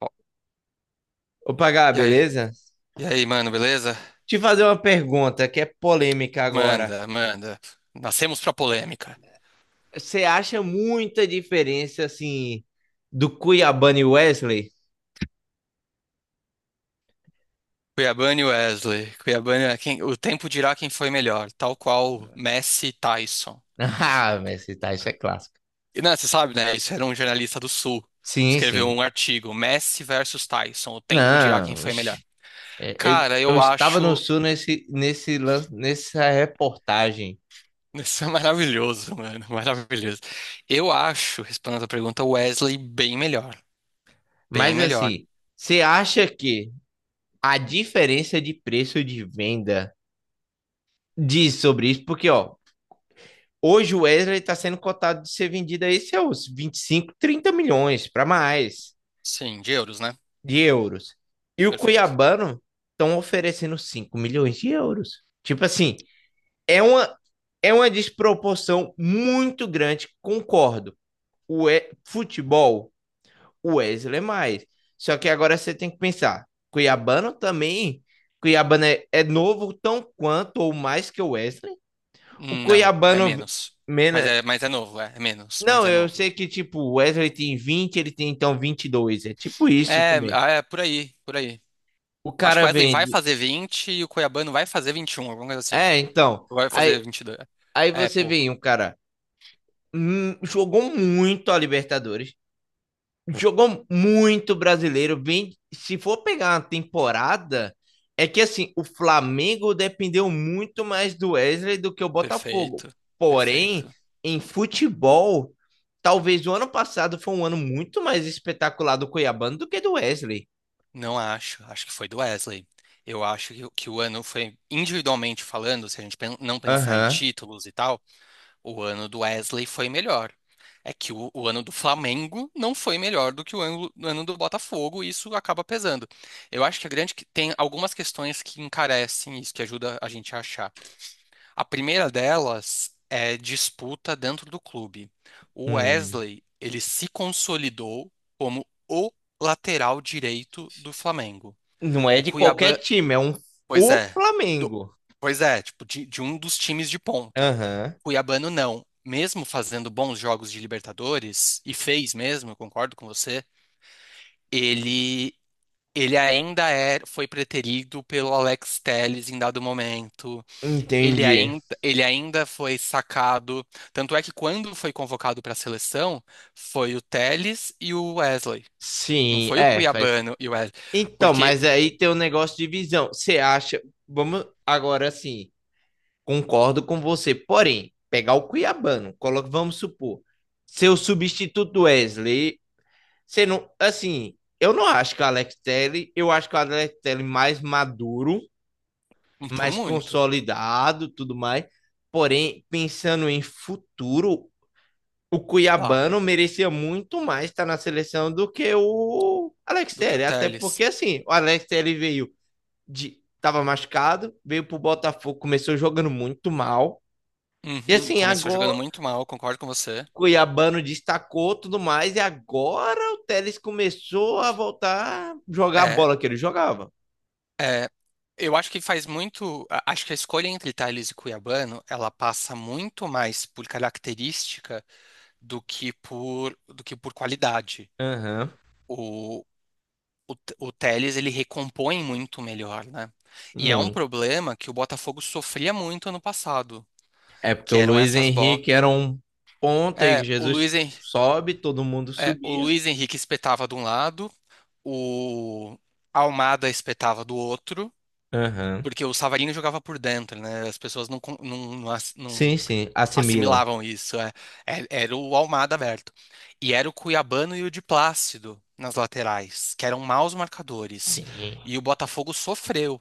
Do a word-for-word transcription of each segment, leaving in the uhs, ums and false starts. Ó. Opa, Gá, E aí? beleza? E aí, mano, beleza? Te fazer uma pergunta que é polêmica agora. Manda, manda. Nascemos pra polêmica. Você acha muita diferença, assim, do Cuiabano e Wesley? Cuiabano e Wesley. Cuiabano é quem, o tempo dirá quem foi melhor, tal qual Messi e Tyson. Ah, mas esse tá, isso é clássico. E não, você sabe, né? Isso era um jornalista do Sul. Sim, Escreveu sim. um artigo, Messi versus Tyson, o tempo dirá quem Não, foi melhor. oxe, é, eu, Cara, eu eu estava no acho. Sul nesse, nesse, lan- nessa reportagem. Isso é maravilhoso, mano. Maravilhoso. Eu acho, respondendo a pergunta, o Wesley bem melhor. Bem Mas, melhor. assim, você acha que a diferença de preço de venda diz sobre isso? Porque, ó, hoje o Wesley está sendo cotado de ser vendido aí seus vinte e cinco, trinta milhões para mais Sim, de euros, né? de euros. E o Perfeito. Cuiabano estão oferecendo cinco milhões de euros. Tipo assim, é uma, é uma desproporção muito grande, concordo. O e, futebol, o Wesley é mais. Só que agora você tem que pensar, Cuiabano também, Cuiabano é, é novo tão quanto ou mais que o Wesley. O Não, é Cuiabano menos. Mas Mena. é, mas é novo, é, é menos, mas Não, é eu novo. sei que, tipo, o Wesley tem vinte, ele tem então vinte e dois, é tipo isso É, também. ah, é por aí, por aí. O Acho que o cara Wesley vai vende. fazer vinte e o Cuiabano vai fazer vinte e um, alguma coisa assim. É, então. Ou vai fazer Aí, vinte e dois. aí É você pouco. vem, o cara hum, jogou muito a Libertadores, jogou muito brasileiro. Vem, se for pegar uma temporada, é que assim, o Flamengo dependeu muito mais do Wesley do que o Botafogo. Perfeito, Porém, perfeito. em futebol, talvez o ano passado foi um ano muito mais espetacular do Cuiabano do que do Wesley. Não acho, acho que foi do Wesley. Eu acho que, o que o ano foi, individualmente falando, se a gente pen- não pensar em Aham. títulos e tal, o ano do Wesley foi melhor. É que o, o ano do Flamengo não foi melhor do que o ano, o ano do Botafogo, e isso acaba pesando. Eu acho que a grande que tem algumas questões que encarecem isso, que ajuda a gente a achar. A primeira delas é disputa dentro do clube. O Hum. Wesley, ele se consolidou como o lateral direito do Flamengo. Não é O de qualquer Cuiabá. time, é um, Pois o é. Do- Flamengo. Pois é, tipo, de, de um dos times de ponta. O Aham. Cuiabano não. Mesmo fazendo bons jogos de Libertadores, e fez mesmo, eu concordo com você, ele, ele ainda é, foi preterido pelo Alex Telles em dado momento. Ele Entendi. ainda, ele ainda foi sacado. Tanto é que quando foi convocado para a seleção, foi o Telles e o Wesley. Não Sim, foi o é, faz. se- Cuiabano e o Wesley. Então, Porque, mas aí tem um negócio de visão. Você acha. Vamos agora assim. Concordo com você. Porém, pegar o Cuiabano, coloca, vamos supor, seu substituto do Wesley. Você não. Assim, eu não acho que o Alex Telles, eu acho que o Alex Telles mais maduro, por mais muito, consolidado, tudo mais. Porém, pensando em futuro, o claro, Cuiabano merecia muito mais estar na seleção do que o Alex do que o Telles, até Telles. porque assim, o Alex Telles veio de tava machucado, veio pro Botafogo, começou jogando muito mal. E Uhum. assim, Começou jogando agora o muito mal, concordo com você. Cuiabano destacou tudo mais e agora o Telles começou a voltar a jogar a É, bola que ele jogava. é, eu acho que faz muito. a- Acho que a escolha entre Tales e Cuiabano, ela passa muito mais por característica do que por do que por qualidade. Aham, O, o, T- o Telles, ele recompõe muito melhor, né? uhum, E é um muito. problema que o Botafogo sofria muito ano passado, É porque que o eram Luiz essas bo... Henrique era um ponta e É, o Jesus Luiz, Hen- sobe, todo mundo é, o subia. Luiz Henrique espetava de um lado, o Almada espetava do outro. Aham. Uhum. Porque o Savarino jogava por dentro, né? As pessoas não, con- não, não ass- Sim, não sim, assimilam. assimilavam isso. É. É- Era o Almada aberto. E era o Cuiabano e o de Plácido nas laterais, que eram maus marcadores. Sim. E o Botafogo sofreu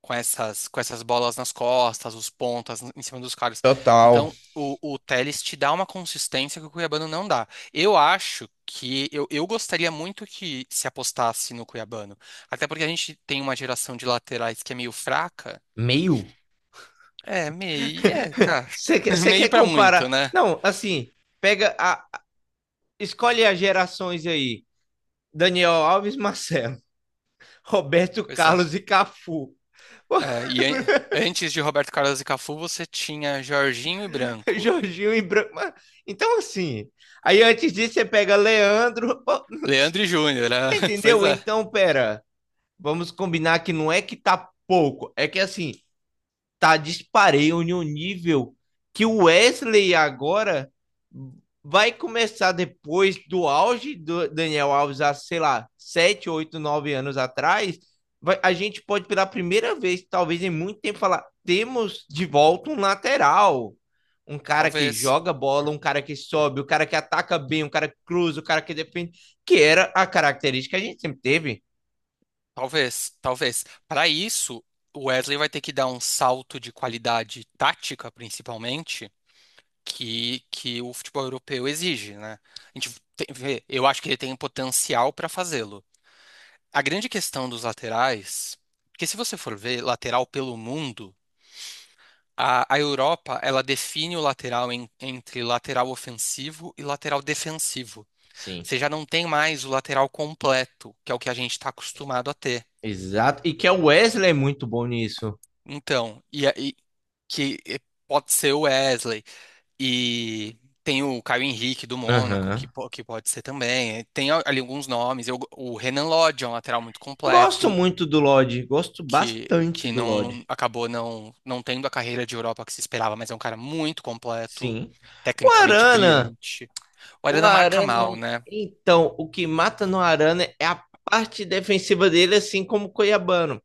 com essas, com essas bolas nas costas, os pontas em cima dos caras. Total. Então, o, o Telles te dá uma consistência que o Cuiabano não dá. Eu acho que eu, eu gostaria muito que se apostasse no Cuiabano. Até porque a gente tem uma geração de laterais que é meio fraca. Meio? É, meio. É, tá. Você quer, você quer Meio pra muito, comparar? né? Não, assim, pega a. Escolhe as gerações aí. Daniel Alves, Marcelo, Roberto Pois é. Carlos e Cafu. É, e an- antes de Roberto Carlos e Cafu, você tinha Jorginho e Branco. Jorginho e Branco. Então, assim. Aí antes disso, você pega Leandro. Leandro e Júnior, né? Pois Entendeu? é. Então, pera. Vamos combinar que não é que tá pouco. É que assim, tá dispareio em um nível que o Wesley agora vai começar depois do auge do Daniel Alves há, sei lá, sete oito nove anos atrás, vai, a gente pode pela primeira vez, talvez em muito tempo, falar, temos de volta um lateral, um cara que Talvez. joga bola, um cara que sobe, um cara que ataca bem, um cara que cruza, um cara que defende, que era a característica que a gente sempre teve. Talvez. Talvez. Para isso, o Wesley vai ter que dar um salto de qualidade tática, principalmente, que, que o futebol europeu exige, né? A gente tem- vê, eu acho que ele tem potencial para fazê-lo. A grande questão dos laterais, porque se você for ver lateral pelo mundo. A, a Europa, ela define o lateral em- entre lateral ofensivo e lateral defensivo. Sim. Você já não tem mais o lateral completo, que é o que a gente está acostumado a ter. Exato. E que é o Wesley é muito bom nisso. Então, e, aí que e pode ser o Wesley, e tem o Caio Henrique do Mônaco, que, Aham. po- que pode ser também. Tem a- ali alguns nomes. Eu- o Renan Lodge é um lateral muito Gosto completo, muito do Lodge, gosto que, bastante que do Lodge, não acabou não, não tendo a carreira de Europa que se esperava, mas é um cara muito completo, sim. O tecnicamente Arana, brilhante. Olha o na marca Arana, mal, né? então, o que mata no Arana é a parte defensiva dele, assim como o Cuiabano.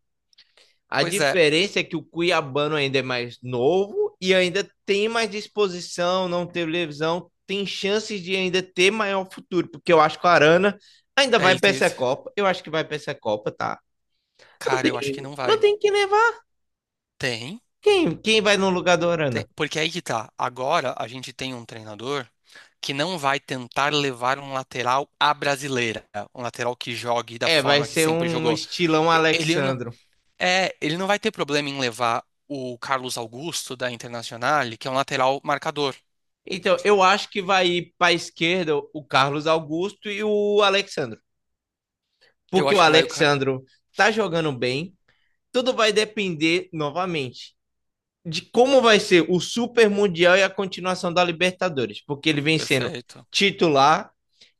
A Pois é. diferença é que o Cuiabano ainda é mais novo e ainda tem mais disposição, não teve lesão, tem chances de ainda ter maior futuro, porque eu acho que o Arana ainda É, vai ele para tem. essa Copa, eu acho que vai para essa Copa, tá? Não Cara, eu acho tem, que não não vai. tem que levar. Tem, Quem, quem vai no lugar do tem. Arana? Porque aí que tá. Agora a gente tem um treinador que não vai tentar levar um lateral à brasileira. Um lateral que jogue da É, vai forma que ser sempre um jogou. estilão E- Ele não, Alexandro. é, ele não vai ter problema em levar o Carlos Augusto da Internazionale, que é um lateral marcador. Então, eu acho que vai ir para a esquerda o Carlos Augusto e o Alexandro. Eu Porque o acho que vai o. Ca- Alexandro tá jogando bem. Tudo vai depender, novamente, de como vai ser o Super Mundial e a continuação da Libertadores. Porque ele vem sendo Perfeito. titular,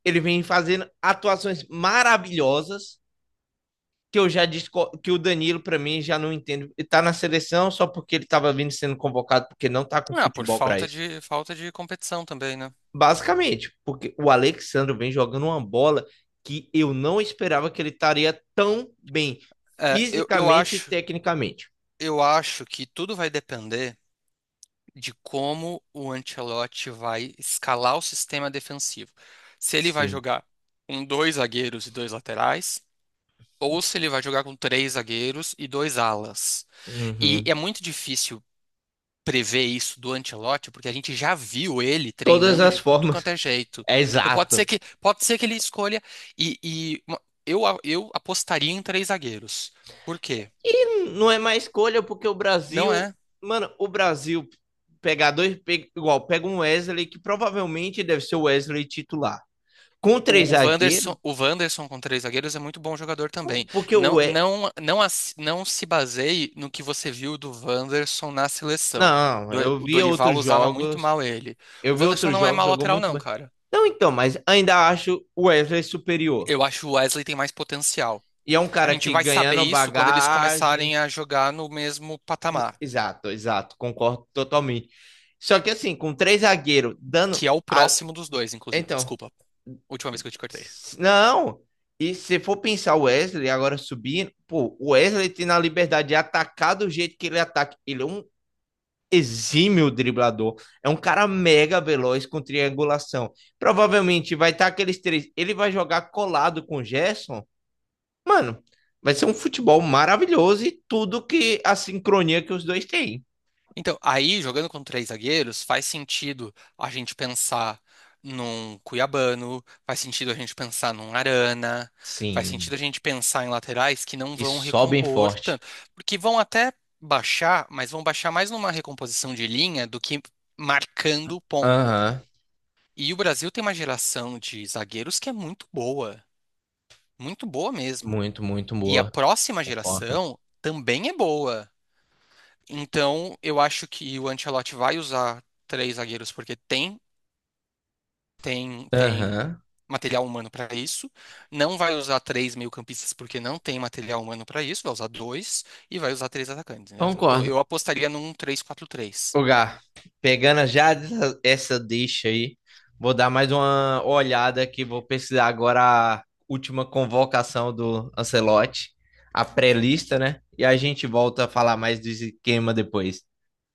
ele vem fazendo atuações maravilhosas, que eu já disse que o Danilo para mim já não entendo. Ele tá na seleção só porque ele estava vindo sendo convocado, porque não tá com Ah, por futebol para falta isso. de, falta de competição também, né? Basicamente, porque o Alexandre vem jogando uma bola que eu não esperava que ele estaria tão bem É, eu, eu fisicamente e acho, tecnicamente. eu acho que tudo vai depender de como o Ancelotti vai escalar o sistema defensivo. Se ele vai Sim. jogar com dois zagueiros e dois laterais, ou se ele vai jogar com três zagueiros e dois alas. E é Uhum. muito difícil prever isso do Ancelotti, porque a gente já viu ele Todas treinando as de tudo formas. quanto é jeito. É Então pode ser exato. que pode ser que ele escolha e, e uma- eu, eu apostaria em três zagueiros. Por quê? E não é mais escolha, porque o Não Brasil. é. Mano, o Brasil pegar dois. pe- Igual, pega um Wesley que provavelmente deve ser o Wesley titular. Com três O, o zagueiros, Wanderson, o Wanderson com três zagueiros é muito bom jogador também. porque o. Não, We- não, não, as- não se baseie no que você viu do Wanderson na seleção. Não, Do- eu O vi Dorival outros usava muito jogos. mal ele. Eu O vi Wanderson outros não é jogos, má jogou lateral, muito não, bem. cara. Não, então, mas ainda acho o Wesley superior. Eu acho que o Wesley tem mais potencial. E é um A cara gente que vai saber ganhando isso quando eles bagagem. começarem a jogar no mesmo n- patamar, Exato, exato, concordo totalmente. Só que assim, com três zagueiros dando. que é o a- próximo dos dois, inclusive. Então, Desculpa, última vez que eu te cortei. s- não. E se for pensar o Wesley agora subindo, pô, o Wesley tem a liberdade de atacar do jeito que ele ataca. Ele é um exímio driblador. É um cara mega veloz com triangulação. Provavelmente vai estar aqueles três. Ele vai jogar colado com o Gerson. Mano, vai ser um futebol maravilhoso e tudo que a sincronia que os dois têm. Então, aí, jogando com três zagueiros, faz sentido a gente pensar num Cuiabano, faz sentido a gente pensar num Arana, faz Sim, sentido a gente pensar em laterais que não que vão sobem recompor forte. tanto, porque vão até baixar, mas vão baixar mais numa recomposição de linha do que marcando ponta. Aham, E o Brasil tem uma geração de zagueiros que é muito boa, muito boa mesmo. muito, muito E a boa. próxima Concordo. geração também é boa. Então, eu acho que o Ancelotti vai usar três zagueiros porque tem, tem, tem Aham, material humano para isso. Não vai usar três meio-campistas porque não tem material humano para isso. Vai usar dois e vai usar três atacantes, né? Então, concordo. eu apostaria num três quatro três. Ô, Gá, pegando já essa essa deixa aí, vou dar mais uma olhada, que vou pesquisar agora a última convocação do Ancelotti, a pré-lista, né? E a gente volta a falar mais do esquema depois.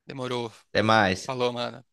Demorou. Até mais. Falou, mano.